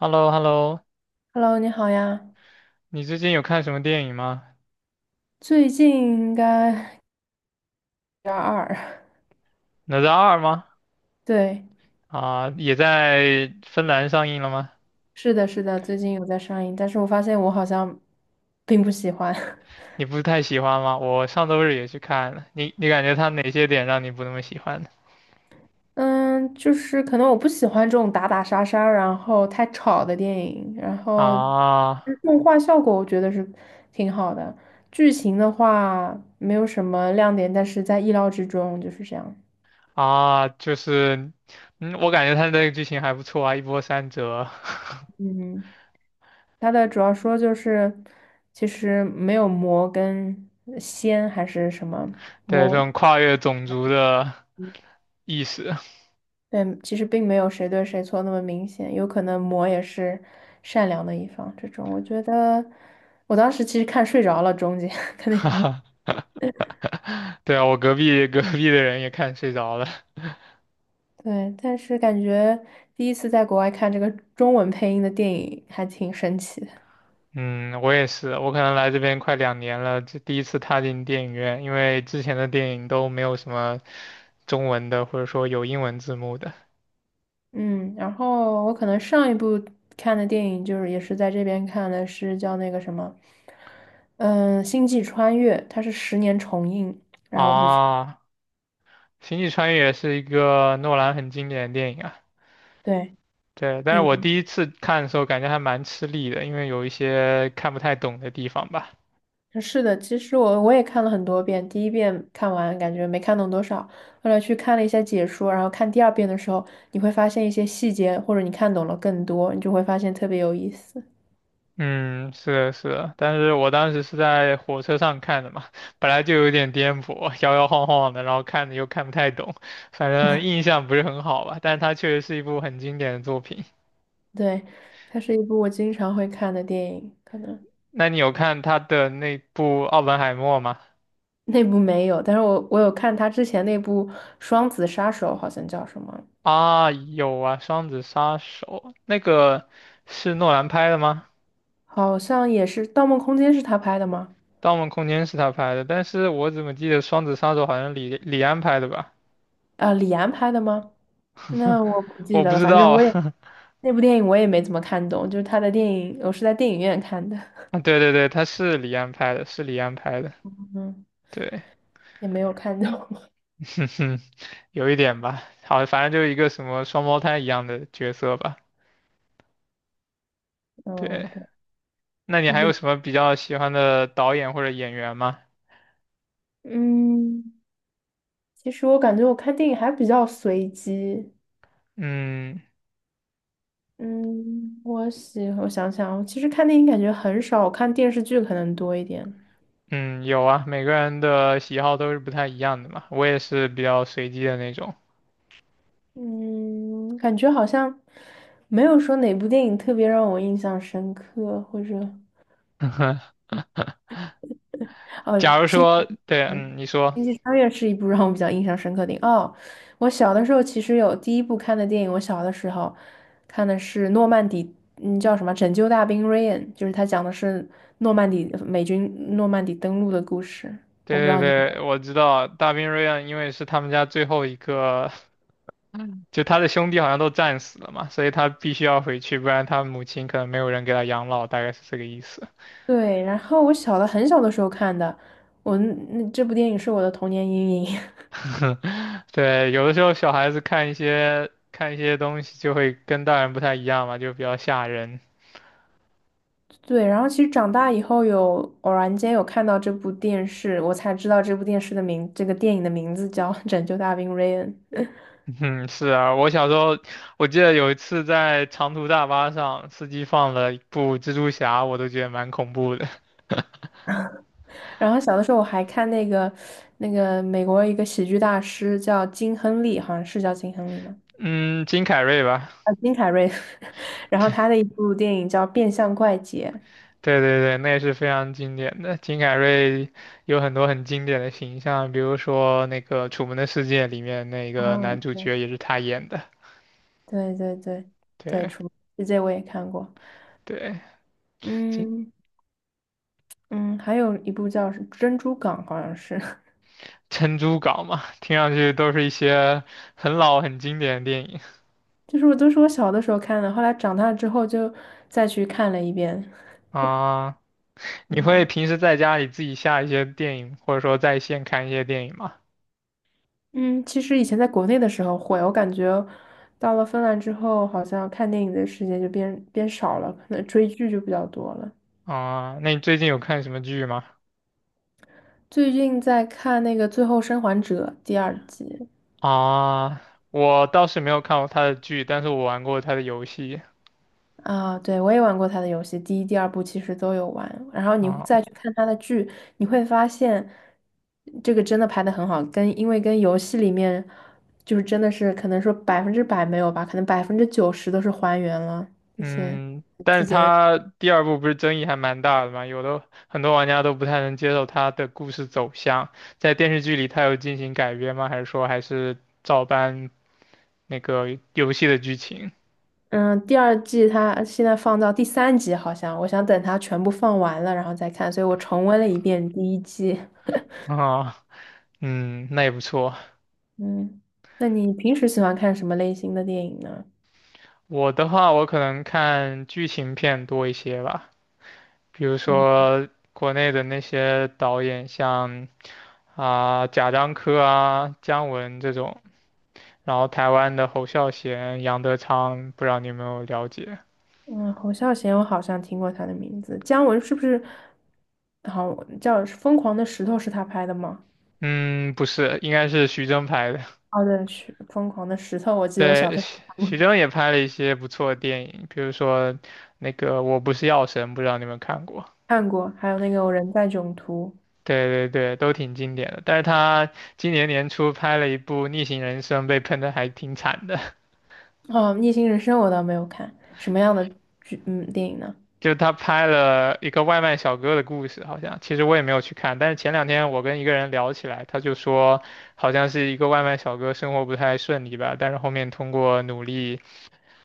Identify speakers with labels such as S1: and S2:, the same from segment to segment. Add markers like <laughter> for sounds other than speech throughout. S1: h e l l o h e l l o
S2: Hello，你好呀。
S1: 你最近有看什么电影吗？
S2: 最近应该点二二，
S1: 哪吒二吗？
S2: <laughs> 对，
S1: 啊，也在芬兰上映了吗？
S2: 是的，是的，最近有在上映，但是我发现我好像并不喜欢。<laughs>
S1: 你不是太喜欢吗？我上周日也去看了，你感觉它哪些点让你不那么喜欢呢？
S2: 嗯，就是可能我不喜欢这种打打杀杀，然后太吵的电影，然后
S1: 啊
S2: 动画效果我觉得是挺好的，剧情的话没有什么亮点，但是在意料之中，就是这样。
S1: 啊，就是，嗯，我感觉它那个剧情还不错啊，一波三折。<laughs>
S2: 嗯。他的主要说就是，其实没有魔跟仙还是什么
S1: 对，这
S2: 魔，
S1: 种跨越种族的
S2: 嗯
S1: 意识。
S2: 对，其实并没有谁对谁错那么明显，有可能魔也是善良的一方。这种我觉得，我当时其实看睡着了，中间 <laughs> 肯定
S1: <laughs> 对啊，我隔壁的人也看睡着了。
S2: 对，但是感觉第一次在国外看这个中文配音的电影还挺神奇的。
S1: 嗯，我也是，我可能来这边快两年了，这第一次踏进电影院，因为之前的电影都没有什么中文的，或者说有英文字幕的。
S2: 嗯，然后我可能上一部看的电影就是也是在这边看的，是叫那个什么，嗯，《星际穿越》，它是10年重映，然后我就去，
S1: 啊，《星际穿越》是一个诺兰很经典的电影啊。
S2: 对，
S1: 对，但是我
S2: 你
S1: 第一次看的时候感觉还蛮吃力的，因为有一些看不太懂的地方吧。
S2: 嗯是的，其实我也看了很多遍，第一遍看完感觉没看懂多少，后来去看了一下解说，然后看第二遍的时候，你会发现一些细节，或者你看懂了更多，你就会发现特别有意思。
S1: 嗯，是的，是的，但是我当时是在火车上看的嘛，本来就有点颠簸，摇摇晃晃的，然后看的又看不太懂，反正印象不是很好吧。但是它确实是一部很经典的作品。
S2: 对，它是一部我经常会看的电影，可能。
S1: 那你有看他的那部《奥本海默》吗？
S2: 那部没有，但是我有看他之前那部《双子杀手》，好像叫什么，
S1: 啊，有啊，《双子杀手》那个是诺兰拍的吗？
S2: 好像也是《盗梦空间》是他拍的吗？
S1: 《盗梦空间》是他拍的，但是我怎么记得《双子杀手》好像李安拍的吧？
S2: 啊、李安拍的吗？那我不
S1: <laughs>
S2: 记
S1: 我
S2: 得
S1: 不
S2: 了，
S1: 知
S2: 反
S1: 道
S2: 正
S1: 啊。
S2: 我也
S1: <laughs>
S2: 那部电影我也没怎么看懂，就是他的电影，我是在电影院看的，
S1: 对对对，他是李安拍的，是李安拍的。
S2: 嗯，
S1: 对，
S2: 也没有看懂，
S1: <laughs> 哼哼，有一点吧。好，反正就是一个什么双胞胎一样的角色吧。
S2: <laughs> 嗯，
S1: 对，
S2: 对，
S1: 那你还有
S2: 李，
S1: 什么比较喜欢的导演或者演员吗？
S2: 嗯，其实我感觉我看电影还比较随机，
S1: 嗯
S2: 嗯，我想想，我其实看电影感觉很少，我看电视剧可能多一点。
S1: 嗯，有啊，每个人的喜好都是不太一样的嘛。我也是比较随机的那种。
S2: 嗯，感觉好像没有说哪部电影特别让我印象深刻，或者
S1: <laughs>
S2: 哦，
S1: 假如
S2: 星
S1: 说，对，
S2: 嗯
S1: 嗯，你说，
S2: 星际穿越是一部让我比较印象深刻的电影。哦，我小的时候其实有第一部看的电影，我小的时候看的是诺曼底，叫什么《拯救大兵瑞恩》，就是他讲的是诺曼底美军诺曼底登陆的故事。我不知
S1: 对对
S2: 道你有没
S1: 对，
S2: 有
S1: 我知道大兵瑞恩，因为是他们家最后一个，就他的兄弟好像都战死了嘛，所以他必须要回去，不然他母亲可能没有人给他养老，大概是这个意思。
S2: 对，然后我小的很小的时候看的，我那那这部电影是我的童年阴影。<laughs>
S1: <laughs> 对，有的时候小孩子看一些看一些东西就会跟大人不太一样嘛，就比较吓人。
S2: 对，然后其实长大以后有偶然间有看到这部电视，我才知道这部电视的名，这个电影的名字叫《拯救大兵瑞恩》。
S1: <laughs> 嗯，是啊，我小时候我记得有一次在长途大巴上，司机放了一部蜘蛛侠，我都觉得蛮恐怖的。<laughs>
S2: 然后小的时候我还看那个美国一个喜剧大师叫金亨利，好像是叫金亨利吗？
S1: 嗯，金凯瑞吧，
S2: 啊，金凯瑞。<laughs> 然后他的一部电影叫《变相怪杰》。
S1: 对对对，那也是非常经典的。金凯瑞有很多很经典的形象，比如说那个《楚门的世界》里面那个
S2: 啊，
S1: 男主
S2: 对
S1: 角也是他演的。
S2: 对对对对，
S1: 对
S2: 《出门世界》我也看过。
S1: 对，金
S2: 嗯嗯，还有一部叫是《珍珠港》，好像是。
S1: 珍珠港嘛，听上去都是一些很老很经典的电影
S2: 就是我都是我小的时候看的，后来长大之后就再去看了一遍。
S1: 啊。你会
S2: 嗯
S1: 平时在家里自己下一些电影，或者说在线看一些电影吗？
S2: 嗯，其实以前在国内的时候会，我感觉到了芬兰之后，好像看电影的时间就变少了，可能追剧就比较多了。
S1: 啊，那你最近有看什么剧吗？
S2: 最近在看那个《最后生还者》第二集。
S1: 啊，我倒是没有看过他的剧，但是我玩过他的游戏
S2: 啊，对，我也玩过他的游戏，第一、第二部其实都有玩。然后你
S1: 啊。
S2: 再去看他的剧，你会发现这个真的拍的很好，因为跟游戏里面就是真的是可能说100%没有吧，可能90%都是还原了一些
S1: 嗯，但
S2: 细
S1: 是
S2: 节。
S1: 他第二部不是争议还蛮大的嘛，有的很多玩家都不太能接受他的故事走向，在电视剧里他有进行改编吗？还是说还是照搬那个游戏的剧情
S2: 嗯，第二季它现在放到第三集，好像我想等它全部放完了然后再看，所以我重温了一遍第一季。
S1: 啊。嗯，那也不错。
S2: 嗯，那你平时喜欢看什么类型的电影呢？
S1: 我的话，我可能看剧情片多一些吧，比如
S2: 嗯。
S1: 说国内的那些导演，像啊、贾樟柯啊、姜文这种，然后台湾的侯孝贤、杨德昌，不知道你有没有了解？
S2: 嗯，侯孝贤，我好像听过他的名字。姜文是不是？好叫《疯狂的石头》是他拍的吗？
S1: 嗯，不是，应该是徐峥拍的。
S2: 哦，对，是《疯狂的石头》，我记得我小
S1: 对，
S2: 的时候
S1: 徐
S2: 看
S1: 徐
S2: 过，
S1: 峥也拍了一些不错的电影，比如说那个《我不是药神》，不知道你们看过。
S2: 看过还有那个《我人在囧途》。
S1: 对对对，都挺经典的。但是他今年年初拍了一部《逆行人生》，被喷的还挺惨的。<laughs>
S2: 哦，《逆行人生》我倒没有看，什么样的剧？嗯，电影呢？
S1: 就他拍了一个外卖小哥的故事，好像其实我也没有去看。但是前两天我跟一个人聊起来，他就说好像是一个外卖小哥生活不太顺利吧，但是后面通过努力，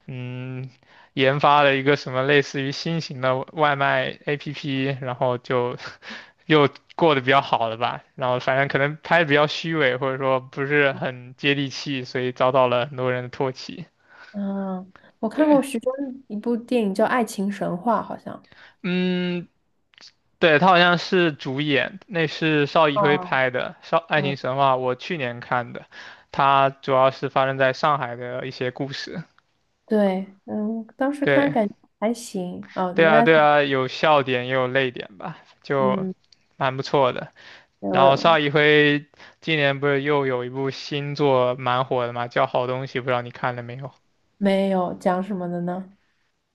S1: 嗯，研发了一个什么类似于新型的外卖 APP，然后就又过得比较好了吧，然后反正可能拍的比较虚伪，或者说不是很接地气，所以遭到了很多人的唾弃。
S2: 嗯，我看
S1: 对，
S2: 过徐峥一部电影叫《爱情神话》，好像。
S1: 嗯，对，他好像是主演，那是邵艺辉
S2: 哦，
S1: 拍的《邵爱情
S2: 嗯，
S1: 神话》，我去年看的，它主要是发生在上海的一些故事。
S2: 对，当时看
S1: 对，
S2: 感觉还行。哦，
S1: 对
S2: 原
S1: 啊，
S2: 来
S1: 对
S2: 他，
S1: 啊，有笑点也有泪点吧，就
S2: 嗯，
S1: 蛮不错的。
S2: 对，
S1: 然后邵艺辉今年不是又有一部新作蛮火的嘛，叫《好东西》，不知道你看了没有？
S2: 没有讲什么的呢？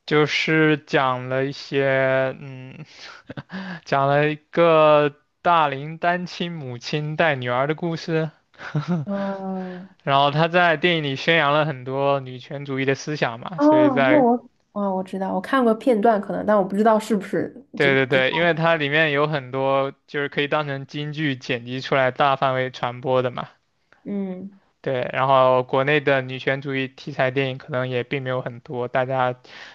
S1: 就是讲了一些，嗯，讲了一个大龄单亲母亲带女儿的故事。<laughs>
S2: 嗯。
S1: 然后他在电影里宣扬了很多女权主义的思想嘛，所以
S2: 哦，那
S1: 在
S2: 我啊，我知道，我看过片段可能，但我不知道是不是就
S1: 对对
S2: 不，
S1: 对，因为它里面有很多就是可以当成金句剪辑出来大范围传播的嘛。
S2: 嗯
S1: 对，然后国内的女权主义题材电影可能也并没有很多，大家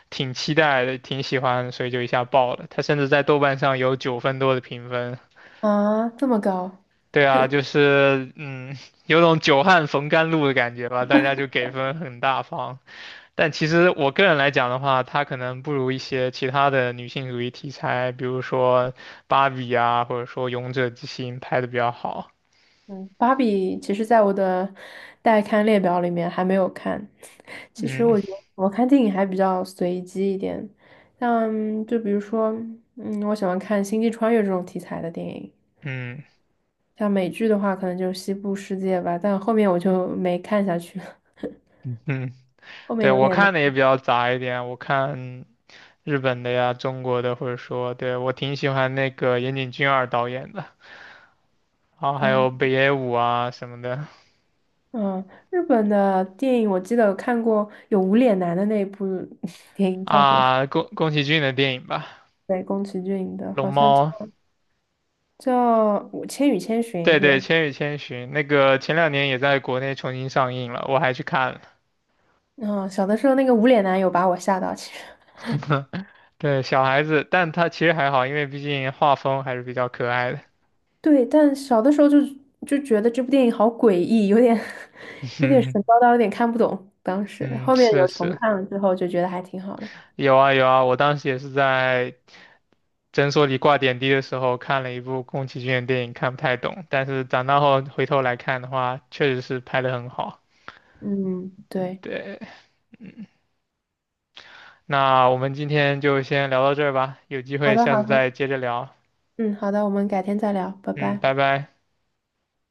S1: 挺期待的，挺喜欢，所以就一下爆了。它甚至在豆瓣上有9分多的评分。
S2: 啊，这么高，
S1: 对啊，就是嗯，有种久旱逢甘露的感觉吧，大家就给分很大方。但其实我个人来讲的话，它可能不如一些其他的女性主义题材，比如说芭比啊，或者说《勇者之心》拍的比较好。
S2: 嗯，芭比其实在我的待看列表里面还没有看。<laughs> 其实
S1: 嗯
S2: 我觉得我看电影还比较随机一点，像就比如说，我喜欢看星际穿越这种题材的电影，
S1: 嗯
S2: 像美剧的话，可能就是《西部世界》吧，但后面我就没看下去了，
S1: 嗯。
S2: 后面
S1: 对，
S2: 有
S1: 我
S2: 点没
S1: 看的也比较杂一点，我看日本的呀、中国的，或者说，对，我挺喜欢那个岩井俊二导演的，然后还
S2: 啊。
S1: 有
S2: 哦
S1: 北野武啊什么的
S2: 嗯，日本的电影我记得有看过，有无脸男的那一部 <laughs> 电影叫什么？
S1: 啊，宫崎骏的电影吧，
S2: 对，宫崎骏的，
S1: 《龙
S2: 好像叫
S1: 猫》，
S2: 叫我千与千寻》。
S1: 对对，
S2: 对，
S1: 《千与千寻》那个前两年也在国内重新上映了，我还去看了。
S2: 嗯，小的时候那个无脸男有把我吓到，其实
S1: 对，小孩子，但他其实还好，因为毕竟画风还是比较可爱的。
S2: 对，但小的时候就觉得这部电影好诡异，有点 <laughs> 有点神
S1: <laughs>
S2: 叨叨，有点看不懂。当时
S1: 嗯，
S2: 后面
S1: 是
S2: 有重
S1: 是，
S2: 看了之后，就觉得还挺好的。
S1: 有啊有啊，我当时也是在诊所里挂点滴的时候看了一部宫崎骏的电影，看不太懂，但是长大后回头来看的话，确实是拍得很好。
S2: 嗯，对，
S1: 对，那我们今天就先聊到这儿吧，有机
S2: 好
S1: 会
S2: 的，
S1: 下
S2: 好
S1: 次再
S2: 的，
S1: 接着聊。
S2: 嗯，好的，我们改天再聊，拜
S1: 嗯，
S2: 拜。
S1: 拜拜。